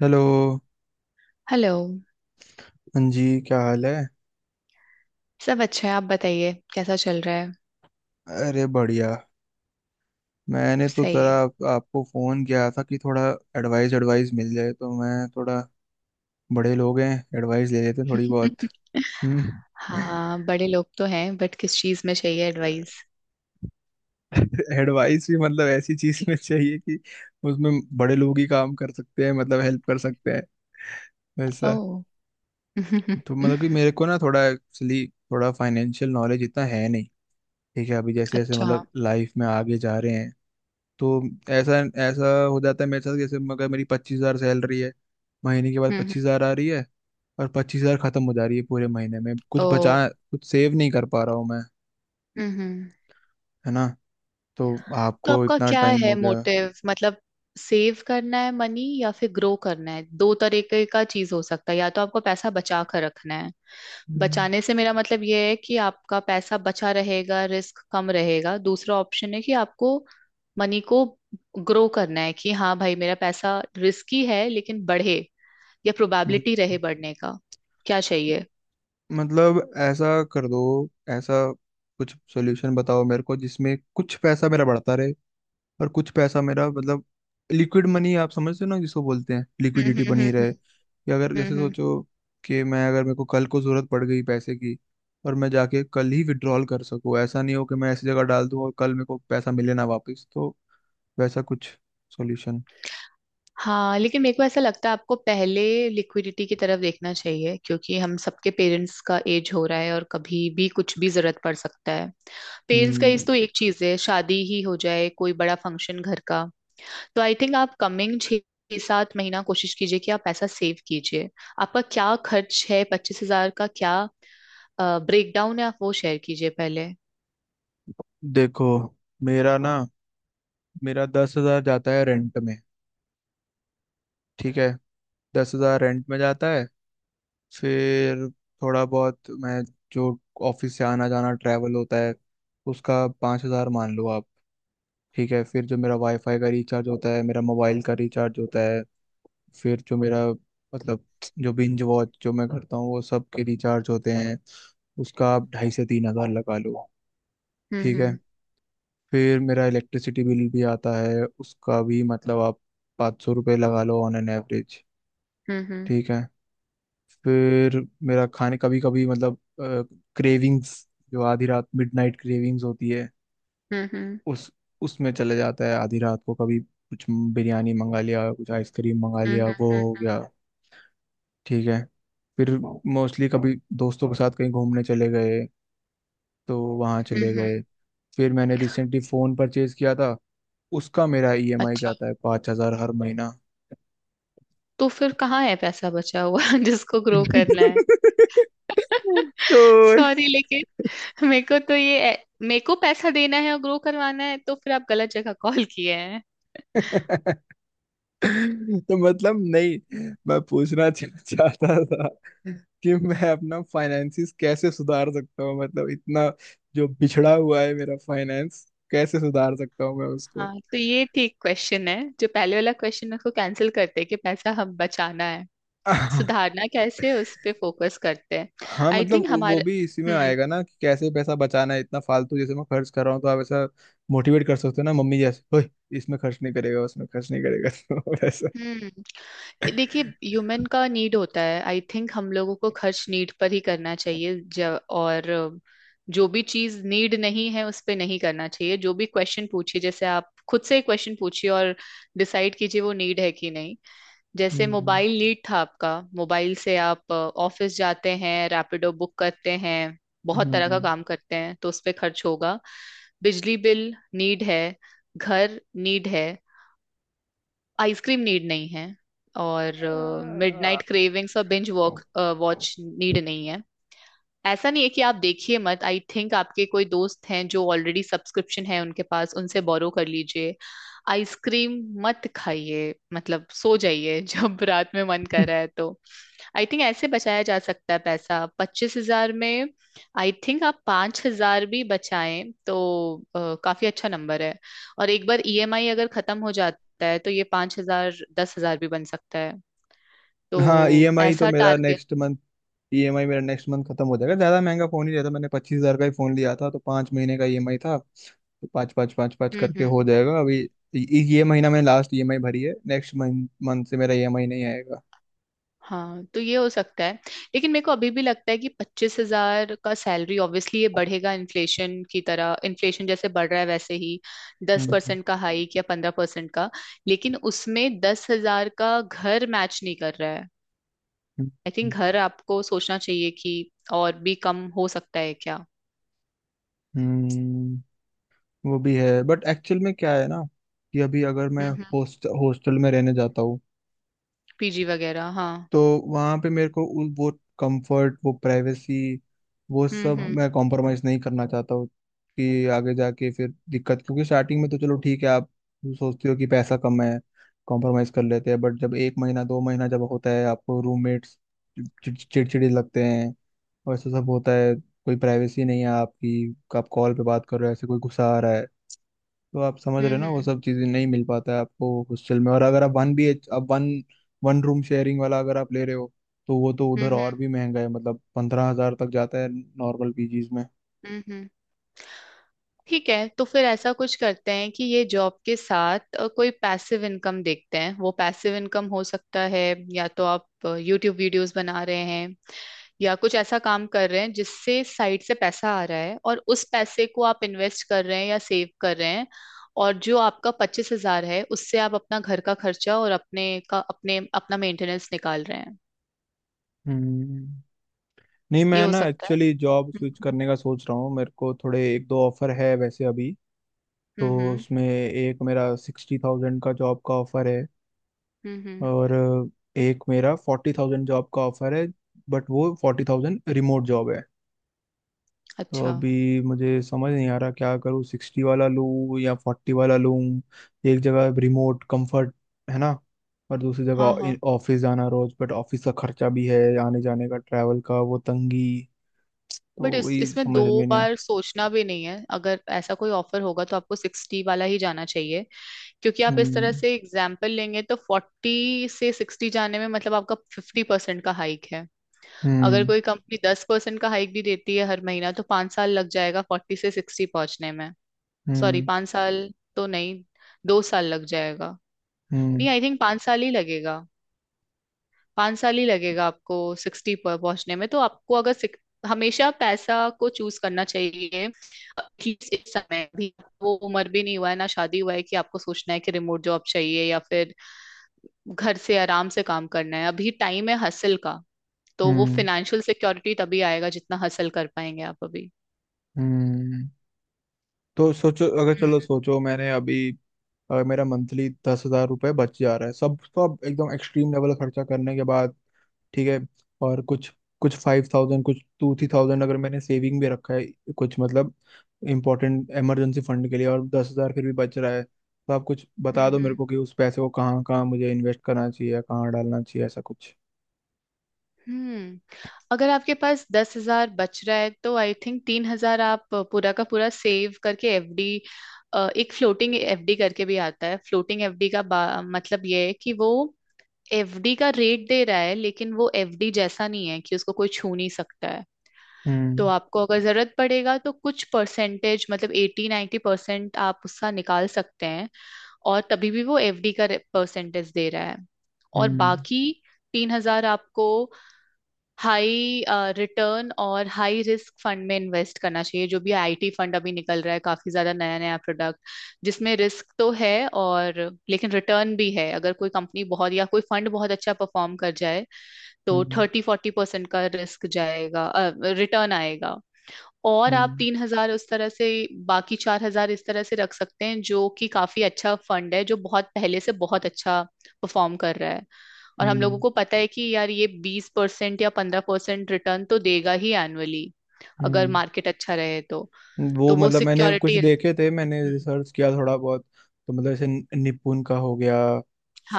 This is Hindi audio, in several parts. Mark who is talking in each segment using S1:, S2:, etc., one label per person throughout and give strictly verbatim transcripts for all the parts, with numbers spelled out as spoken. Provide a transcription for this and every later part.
S1: हेलो।
S2: हेलो।
S1: हाँ जी। क्या हाल है?
S2: सब अच्छा है, आप बताइए कैसा चल रहा है।
S1: अरे बढ़िया। मैंने तो
S2: सही
S1: जरा
S2: है।
S1: आप, आपको फ़ोन किया था कि थोड़ा एडवाइस एडवाइस मिल जाए तो मैं थोड़ा, बड़े लोग हैं, एडवाइस ले लेते थोड़ी बहुत। हम्म।
S2: हाँ, बड़े लोग तो हैं बट किस चीज में चाहिए एडवाइस।
S1: एडवाइस भी मतलब ऐसी चीज़ में चाहिए कि उसमें बड़े लोग ही काम कर सकते हैं, मतलब हेल्प कर सकते हैं, वैसा।
S2: ओ।
S1: तो मतलब कि मेरे को ना, थोड़ा एक्चुअली थोड़ा फाइनेंशियल नॉलेज इतना है नहीं। ठीक है, अभी जैसे जैसे
S2: अच्छा।
S1: मतलब लाइफ में आगे जा रहे हैं, तो ऐसा ऐसा हो जाता है मेरे साथ, जैसे अगर मेरी पच्चीस हजार सैलरी है, महीने के बाद
S2: हम्म।
S1: पच्चीस हजार आ रही है और पच्चीस हजार खत्म हो जा रही है पूरे महीने में, कुछ
S2: ओ।
S1: बचा, कुछ सेव नहीं कर पा रहा हूँ मैं,
S2: हम्म।
S1: है ना। तो
S2: तो
S1: आपको
S2: आपका
S1: इतना
S2: क्या
S1: टाइम
S2: है
S1: हो गया।
S2: मोटिव मतलब सेव करना है मनी या फिर ग्रो करना है? दो तरीके का चीज हो सकता है, या तो आपको पैसा बचा कर रखना है।
S1: हम्म,
S2: बचाने से मेरा मतलब ये है कि आपका पैसा बचा रहेगा, रिस्क कम रहेगा। दूसरा ऑप्शन है कि आपको मनी को ग्रो करना है कि हाँ भाई मेरा पैसा रिस्की है लेकिन बढ़े, या
S1: हम्म।
S2: प्रोबेबिलिटी रहे बढ़ने का। क्या चाहिए?
S1: मतलब ऐसा कर दो, ऐसा कुछ सॉल्यूशन बताओ मेरे को जिसमें कुछ पैसा मेरा बढ़ता रहे और कुछ पैसा मेरा मतलब लिक्विड मनी। आप समझते हो ना, जिसको बोलते हैं
S2: हम्म
S1: लिक्विडिटी
S2: हम्म हम्म
S1: बनी
S2: हम्म।
S1: रहे, कि अगर जैसे
S2: हम्म, हम्म।
S1: सोचो कि मैं अगर, मेरे को कल को जरूरत पड़ गई पैसे की, और मैं जाके कल ही विड्रॉल कर सकूं, ऐसा नहीं हो कि मैं ऐसी जगह डाल दूं और कल मेरे को पैसा मिले ना वापस, तो वैसा कुछ सॉल्यूशन।
S2: हाँ, लेकिन मेरे को ऐसा लगता है आपको पहले लिक्विडिटी की तरफ देखना चाहिए क्योंकि हम सबके पेरेंट्स का एज हो रहा है और कभी भी कुछ भी जरूरत पड़ सकता है। पेरेंट्स का एज
S1: हम्म।
S2: तो एक चीज है, शादी ही हो जाए, कोई बड़ा फंक्शन घर का। तो आई थिंक आप कमिंग छः सात महीना कोशिश कीजिए कि आप पैसा सेव कीजिए। आपका क्या खर्च है, पच्चीस हजार का क्या ब्रेकडाउन है? आप वो शेयर कीजिए पहले।
S1: देखो, मेरा ना मेरा दस हजार जाता है रेंट में। ठीक है, दस हजार रेंट में जाता है। फिर थोड़ा बहुत मैं, जो ऑफिस से आना जाना ट्रैवल होता है, उसका पाँच हज़ार मान लो आप। ठीक है, फिर जो मेरा वाईफाई का रिचार्ज होता है, मेरा मोबाइल का रिचार्ज होता है, फिर जो मेरा मतलब जो बिंज वॉच जो मैं करता हूँ वो सब के रिचार्ज होते हैं, उसका आप ढाई से तीन हज़ार लगा लो। ठीक है।
S2: हम्म
S1: फिर मेरा इलेक्ट्रिसिटी बिल भी आता है, उसका भी मतलब आप पाँच सौ रुपये लगा लो ऑन एन एवरेज।
S2: हम्म हम्म
S1: ठीक है। फिर मेरा खाने कभी कभी मतलब, क्रेविंग्स, जो आधी रात मिडनाइट क्रेविंग्स होती है,
S2: हम्म हम्म
S1: उस उसमें चले जाता है आधी रात को, कभी कुछ बिरयानी मंगा लिया, कुछ आइसक्रीम मंगा
S2: हम्म
S1: लिया, वो
S2: हम्म
S1: हो गया। ठीक है। फिर मोस्टली कभी दोस्तों के साथ कहीं घूमने चले गए, तो वहाँ
S2: हम्म।
S1: चले
S2: हम्म,
S1: गए।
S2: हम्म।
S1: फिर मैंने रिसेंटली फ़ोन परचेज किया था, उसका मेरा ईएमआई
S2: अच्छा,
S1: जाता है पाँच हज़ार हर महीना।
S2: तो फिर कहाँ है पैसा बचा हुआ जिसको ग्रो करना है?
S1: तो।
S2: सॉरी, लेकिन मेरे को तो ये, मेरे को पैसा देना है और ग्रो करवाना है तो फिर आप गलत जगह कॉल किए हैं।
S1: तो मतलब नहीं, मैं पूछना चा- चाहता था कि मैं अपना फाइनेंसिस कैसे सुधार सकता हूँ, मतलब इतना जो बिछड़ा हुआ है मेरा फाइनेंस, कैसे सुधार सकता हूँ मैं उसको।
S2: हाँ, तो ये ठीक क्वेश्चन है। जो पहले वाला क्वेश्चन है उसको कैंसिल करते हैं कि पैसा हम बचाना है, सुधारना कैसे, उस पे फोकस करते हैं।
S1: हाँ
S2: आई
S1: मतलब
S2: थिंक
S1: वो वो
S2: हमारे
S1: भी इसी में
S2: हम्म
S1: आएगा ना, कि कैसे पैसा बचाना है, इतना फालतू जैसे मैं खर्च कर रहा हूँ, तो आप ऐसा मोटिवेट कर सकते हो ना, मम्मी जैसे, ओए इसमें खर्च नहीं करेगा, उसमें खर्च नहीं करेगा, तो वैसा।
S2: हम्म। देखिए, ह्यूमन का नीड होता है। आई थिंक हम लोगों को खर्च नीड पर ही करना चाहिए ज- और जो भी चीज नीड नहीं है उस पे नहीं करना चाहिए। जो भी क्वेश्चन पूछिए, जैसे आप खुद से ही क्वेश्चन पूछिए और डिसाइड कीजिए वो नीड है कि नहीं। जैसे
S1: हम्म,
S2: मोबाइल लीड था आपका, मोबाइल से आप ऑफिस जाते हैं, रैपिडो बुक करते हैं, बहुत तरह का काम करते हैं तो उस पे खर्च होगा। बिजली बिल नीड है, घर नीड है, आइसक्रीम नीड नहीं है। और
S1: हम्म।
S2: मिडनाइट क्रेविंग्स और बिंज वॉक वॉच नीड नहीं है। ऐसा नहीं है कि आप देखिए मत, आई थिंक आपके कोई दोस्त हैं जो ऑलरेडी सब्सक्रिप्शन है उनके पास, उनसे बोरो कर लीजिए। आइसक्रीम मत खाइए, मतलब सो जाइए जब रात में मन कर रहा है तो। आई थिंक ऐसे बचाया जा सकता है पैसा पच्चीस हजार में। आई थिंक आप पांच हजार भी बचाएं तो अ, काफी अच्छा नंबर है। और एक बार ईएमआई अगर खत्म हो जाता है तो ये पांच हजार दस हजार भी बन सकता है।
S1: हाँ,
S2: तो
S1: ईएमआई तो
S2: ऐसा
S1: मेरा
S2: टारगेट।
S1: नेक्स्ट मंथ, ईएमआई मेरा नेक्स्ट मंथ खत्म हो जाएगा। ज़्यादा महंगा फ़ोन ही रहता, मैंने पच्चीस हज़ार का ही फ़ोन लिया था, तो पाँच महीने का ईएमआई था, तो पाँच पाँच पाँच पाँच
S2: हम्म
S1: करके हो
S2: हम्म।
S1: जाएगा अभी। ये ये महीना मैंने लास्ट ईएमआई भरी है, नेक्स्ट मंथ मंथ से मेरा ईएमआई नहीं आएगा।
S2: हाँ, तो ये हो सकता है। लेकिन मेरे को अभी भी लगता है कि पच्चीस हजार का सैलरी ऑब्वियसली ये बढ़ेगा, इन्फ्लेशन की तरह, इन्फ्लेशन जैसे बढ़ रहा है वैसे ही दस
S1: हम्म।
S2: परसेंट का हाइक या पंद्रह परसेंट का। लेकिन उसमें दस हजार का घर मैच नहीं कर रहा है।
S1: हम्म,
S2: आई
S1: हम्म,
S2: थिंक घर आपको सोचना चाहिए कि और भी कम हो सकता है क्या।
S1: हम्म। वो भी है बट एक्चुअल में क्या है ना, कि अभी अगर मैं
S2: हम्म हम्म।
S1: होस्ट हॉस्टल में रहने जाता हूँ,
S2: पीजी वगैरह, हाँ।
S1: तो वहां पे मेरे को उस वो कंफर्ट, वो प्राइवेसी, वो
S2: हम्म
S1: सब
S2: हम्म
S1: मैं कॉम्प्रोमाइज नहीं करना चाहता हूँ, कि आगे जाके फिर दिक्कत, क्योंकि स्टार्टिंग में तो चलो ठीक है, आप सोचते हो कि पैसा कम है, कॉम्प्रोमाइज कर लेते हैं, बट जब एक महीना, दो महीना जब होता है, आपको रूममेट्स चिड़चिड़े लगते हैं और ऐसा सब होता है। कोई प्राइवेसी नहीं है आपकी, आप कॉल पे बात कर रहे हो ऐसे, कोई गुस्सा आ रहा है। तो आप समझ रहे हो
S2: हम्म
S1: ना, वो
S2: हम्म
S1: सब चीजें नहीं मिल पाता है आपको हॉस्टल में, और अगर आप वन बी एच आप वन वन रूम शेयरिंग वाला अगर आप ले रहे हो, तो वो तो उधर
S2: हम्म
S1: और भी महंगा है, मतलब पंद्रह हजार तक जाता है नॉर्मल पीजीज में।
S2: हम्म हम्म। ठीक है, तो फिर ऐसा कुछ करते हैं कि ये जॉब के साथ अ, कोई पैसिव इनकम देखते हैं। वो पैसिव इनकम हो सकता है या तो आप यूट्यूब वीडियोस बना रहे हैं, या कुछ ऐसा काम कर रहे हैं जिससे साइड से पैसा आ रहा है और उस पैसे को आप इन्वेस्ट कर रहे हैं या सेव कर रहे हैं। और जो आपका पच्चीस हजार है उससे आप अपना घर का खर्चा और अपने का अपने अपना मेंटेनेंस निकाल रहे हैं।
S1: हम्म। नहीं,
S2: ये
S1: मैं
S2: हो
S1: ना
S2: सकता है।
S1: एक्चुअली जॉब स्विच
S2: हम्म
S1: करने का सोच रहा हूँ, मेरे को थोड़े एक दो ऑफर है वैसे अभी। तो
S2: हम्म
S1: उसमें एक मेरा सिक्सटी थाउजेंड का जॉब का ऑफर है,
S2: हम्म हम्म,
S1: और एक मेरा फोर्टी थाउजेंड जॉब का ऑफर है, बट वो फोर्टी थाउजेंड रिमोट जॉब है। तो
S2: अच्छा।
S1: अभी मुझे समझ नहीं आ रहा क्या करूँ, सिक्सटी वाला लूँ या फोर्टी वाला लूँ। एक जगह रिमोट कंफर्ट, है ना, और दूसरी
S2: हाँ हाँ।
S1: जगह ऑफिस जाना रोज, बट ऑफिस का खर्चा भी है आने जाने का, ट्रैवल का, वो तंगी, तो
S2: बट इस
S1: वही
S2: इसमें दो
S1: समझ में नहीं आ।
S2: बार सोचना भी नहीं है। अगर ऐसा कोई ऑफर होगा तो आपको सिक्सटी वाला ही जाना चाहिए क्योंकि आप इस तरह
S1: हम्म।
S2: से एग्जाम्पल लेंगे तो फोर्टी से सिक्सटी जाने में मतलब आपका फिफ्टी परसेंट का हाइक है। अगर
S1: हम्म।
S2: कोई कंपनी दस परसेंट का हाइक भी देती है हर महीना तो पाँच साल लग जाएगा फोर्टी से सिक्सटी पहुंचने में। सॉरी,
S1: हम्म।
S2: पाँच साल तो नहीं, दो साल लग जाएगा। नहीं,
S1: हम्म।
S2: आई थिंक पाँच साल ही लगेगा। पाँच साल ही लगेगा आपको सिक्सटी पर पहुंचने में। तो आपको अगर सिक- हमेशा पैसा को चूज करना चाहिए, एटलीस्ट इस समय भी। वो उम्र भी नहीं हुआ है, ना शादी हुआ है कि आपको सोचना है कि रिमोट जॉब चाहिए या फिर घर से आराम से काम करना है। अभी टाइम है हसल का। तो वो
S1: हम्म।
S2: फिनेंशियल सिक्योरिटी तभी आएगा जितना हसल कर पाएंगे आप अभी।
S1: हम्म। तो सोचो, अगर चलो
S2: हम्म
S1: सोचो, मैंने अभी अ, मेरा मंथली दस हजार रुपये बच जा रहा है सब सब एकदम एक्सट्रीम लेवल खर्चा करने के बाद। ठीक है। और कुछ कुछ फाइव थाउजेंड, कुछ टू थ्री थाउजेंड अगर मैंने सेविंग भी रखा है, कुछ मतलब इम्पोर्टेंट इमरजेंसी फंड के लिए, और दस हजार फिर भी बच रहा है, तो आप कुछ बता
S2: हम्म।
S1: दो मेरे
S2: हम्म
S1: को कि उस पैसे को कहाँ कहाँ मुझे इन्वेस्ट करना चाहिए या कहाँ डालना चाहिए, ऐसा कुछ।
S2: हम्म। अगर आपके पास दस हजार बच रहा है तो आई थिंक तीन हजार आप पूरा का पूरा सेव करके एफडी। एक फ्लोटिंग एफडी करके भी आता है। फ्लोटिंग एफडी का बा- मतलब ये है कि वो एफडी का रेट दे रहा है लेकिन वो एफडी जैसा नहीं है कि उसको कोई छू नहीं सकता है। तो
S1: हम्म।
S2: आपको अगर जरूरत पड़ेगा तो कुछ परसेंटेज, मतलब एटी 90% परसेंट आप उसका निकाल सकते हैं और तभी भी वो एफडी का परसेंटेज दे रहा है। और
S1: हम्म।
S2: बाकी तीन हजार आपको हाई रिटर्न और हाई रिस्क फंड में इन्वेस्ट करना चाहिए, जो भी आईटी फंड अभी निकल रहा है, काफी ज्यादा नया नया प्रोडक्ट जिसमें रिस्क तो है और लेकिन रिटर्न भी है। अगर कोई कंपनी बहुत या कोई फंड बहुत अच्छा परफॉर्म कर जाए तो
S1: हम्म।
S2: थर्टी फोर्टी परसेंट का रिस्क जाएगा, रिटर्न आएगा। और आप
S1: हम्म।
S2: तीन हजार उस तरह से, बाकी चार हजार इस तरह से रख सकते हैं, जो कि काफी अच्छा फंड है, जो बहुत पहले से बहुत अच्छा परफॉर्म कर रहा है और हम
S1: हम्म।
S2: लोगों को पता है कि यार ये बीस परसेंट या पंद्रह परसेंट रिटर्न तो देगा ही एनुअली, अगर
S1: हम्म।
S2: मार्केट अच्छा रहे तो।
S1: वो
S2: तो वो
S1: मतलब मैंने कुछ
S2: सिक्योरिटी।
S1: देखे थे, मैंने रिसर्च किया थोड़ा बहुत, तो मतलब जैसे निपुण का हो गया,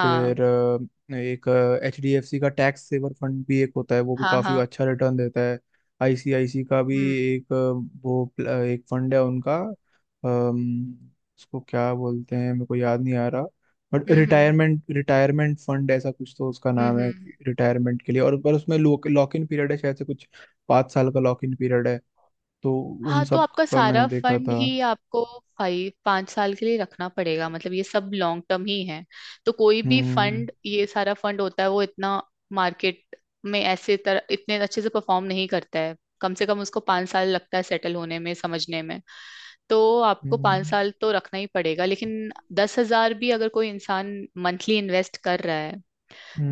S1: फिर अ, एक एच डी एफ सी का टैक्स सेवर फंड भी एक होता है, वो भी
S2: हाँ
S1: काफी
S2: हाँ।
S1: अच्छा रिटर्न देता है। आईसीआईसी का भी
S2: हम्म
S1: एक अ, वो प्ल- अ, एक फंड है उनका, अम, उसको क्या बोलते हैं मेरे को याद नहीं आ रहा, बट
S2: हम्म हम्म
S1: रिटायरमेंट रिटायरमेंट फंड ऐसा कुछ तो उसका
S2: हम्म।
S1: नाम है,
S2: हम्म।
S1: रिटायरमेंट के लिए, और पर उसमें लॉक इन पीरियड है शायद से कुछ, पाँच साल का लॉक इन पीरियड है। तो उन
S2: हाँ, तो
S1: सब
S2: आपका
S1: का
S2: सारा
S1: मैंने देखा
S2: फंड
S1: था।
S2: ही आपको फाइव पांच साल के लिए रखना पड़ेगा। मतलब ये सब लॉन्ग टर्म ही है। तो कोई भी
S1: हम्म।
S2: फंड, ये सारा फंड होता है वो इतना मार्केट में ऐसे तरह इतने अच्छे से परफॉर्म नहीं करता है। कम से कम उसको पांच साल लगता है सेटल होने में, समझने में। तो आपको
S1: हम्म।
S2: पाँच साल तो रखना ही पड़ेगा, लेकिन दस हजार भी अगर कोई इंसान मंथली इन्वेस्ट कर रहा है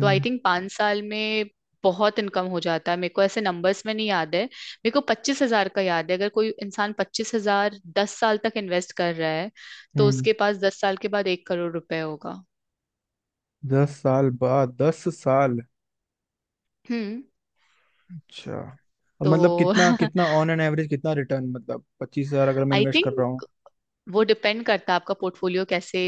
S2: तो आई थिंक पाँच साल में बहुत इनकम हो जाता है। मेरे को ऐसे नंबर्स में नहीं याद है, मेरे को पच्चीस हजार का याद है। अगर कोई इंसान पच्चीस हजार दस साल तक इन्वेस्ट कर रहा है तो
S1: हम्म।
S2: उसके पास दस साल के बाद एक करोड़ रुपए होगा।
S1: दस साल बाद? दस साल?
S2: हम्म।
S1: अच्छा। अब मतलब
S2: तो
S1: कितना कितना ऑन एन एवरेज कितना रिटर्न मतलब, पच्चीस हजार अगर मैं
S2: आई
S1: इन्वेस्ट कर रहा हूँ।
S2: थिंक वो डिपेंड करता है आपका पोर्टफोलियो कैसे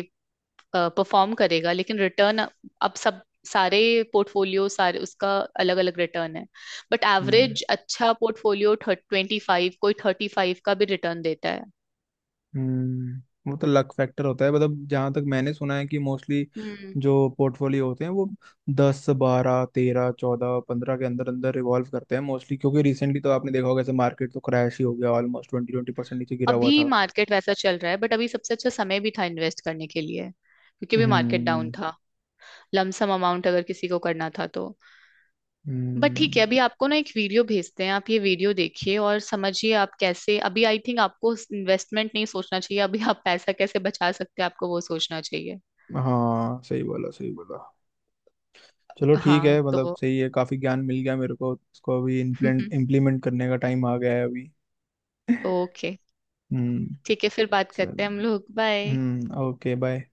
S2: परफॉर्म करेगा, लेकिन रिटर्न। अब सब सारे पोर्टफोलियो सारे उसका अलग अलग रिटर्न है। बट
S1: हम्म।
S2: एवरेज अच्छा पोर्टफोलियो ट्वेंटी फाइव, कोई थर्टी फाइव का भी रिटर्न देता है।
S1: हम्म। वो तो लक फैक्टर होता है, मतलब जहां तक मैंने सुना है कि मोस्टली
S2: हम्म।
S1: जो पोर्टफोलियो होते हैं वो दस बारह तेरह चौदह पंद्रह के अंदर अंदर रिवॉल्व करते हैं मोस्टली, क्योंकि रिसेंटली तो आपने देखा होगा ऐसे मार्केट तो क्रैश ही हो गया, ऑलमोस्ट ट्वेंटी ट्वेंटी परसेंट नीचे गिरा हुआ
S2: अभी
S1: था।
S2: मार्केट वैसा चल रहा है बट अभी सबसे अच्छा समय भी था इन्वेस्ट करने के लिए क्योंकि अभी मार्केट डाउन
S1: हम्म।
S2: था। लमसम अमाउंट अगर किसी को करना था तो। बट ठीक है,
S1: हम्म।
S2: अभी आपको ना एक वीडियो भेजते हैं, आप ये वीडियो देखिए और समझिए। आप कैसे, अभी आई थिंक आपको इन्वेस्टमेंट नहीं सोचना चाहिए। अभी आप पैसा कैसे बचा सकते हैं, आपको वो सोचना चाहिए।
S1: हाँ, सही बोला, सही बोला। चलो ठीक
S2: हाँ
S1: है, मतलब
S2: तो
S1: सही है, काफी ज्ञान मिल गया मेरे को, इसको अभी इम्प्लेंट इम्प्लीमेंट करने का टाइम आ गया है अभी।
S2: ओके,
S1: हम्म।
S2: ठीक है फिर बात करते हैं हम
S1: चलिए।
S2: लोग। बाय।
S1: हम्म। ओके। बाय।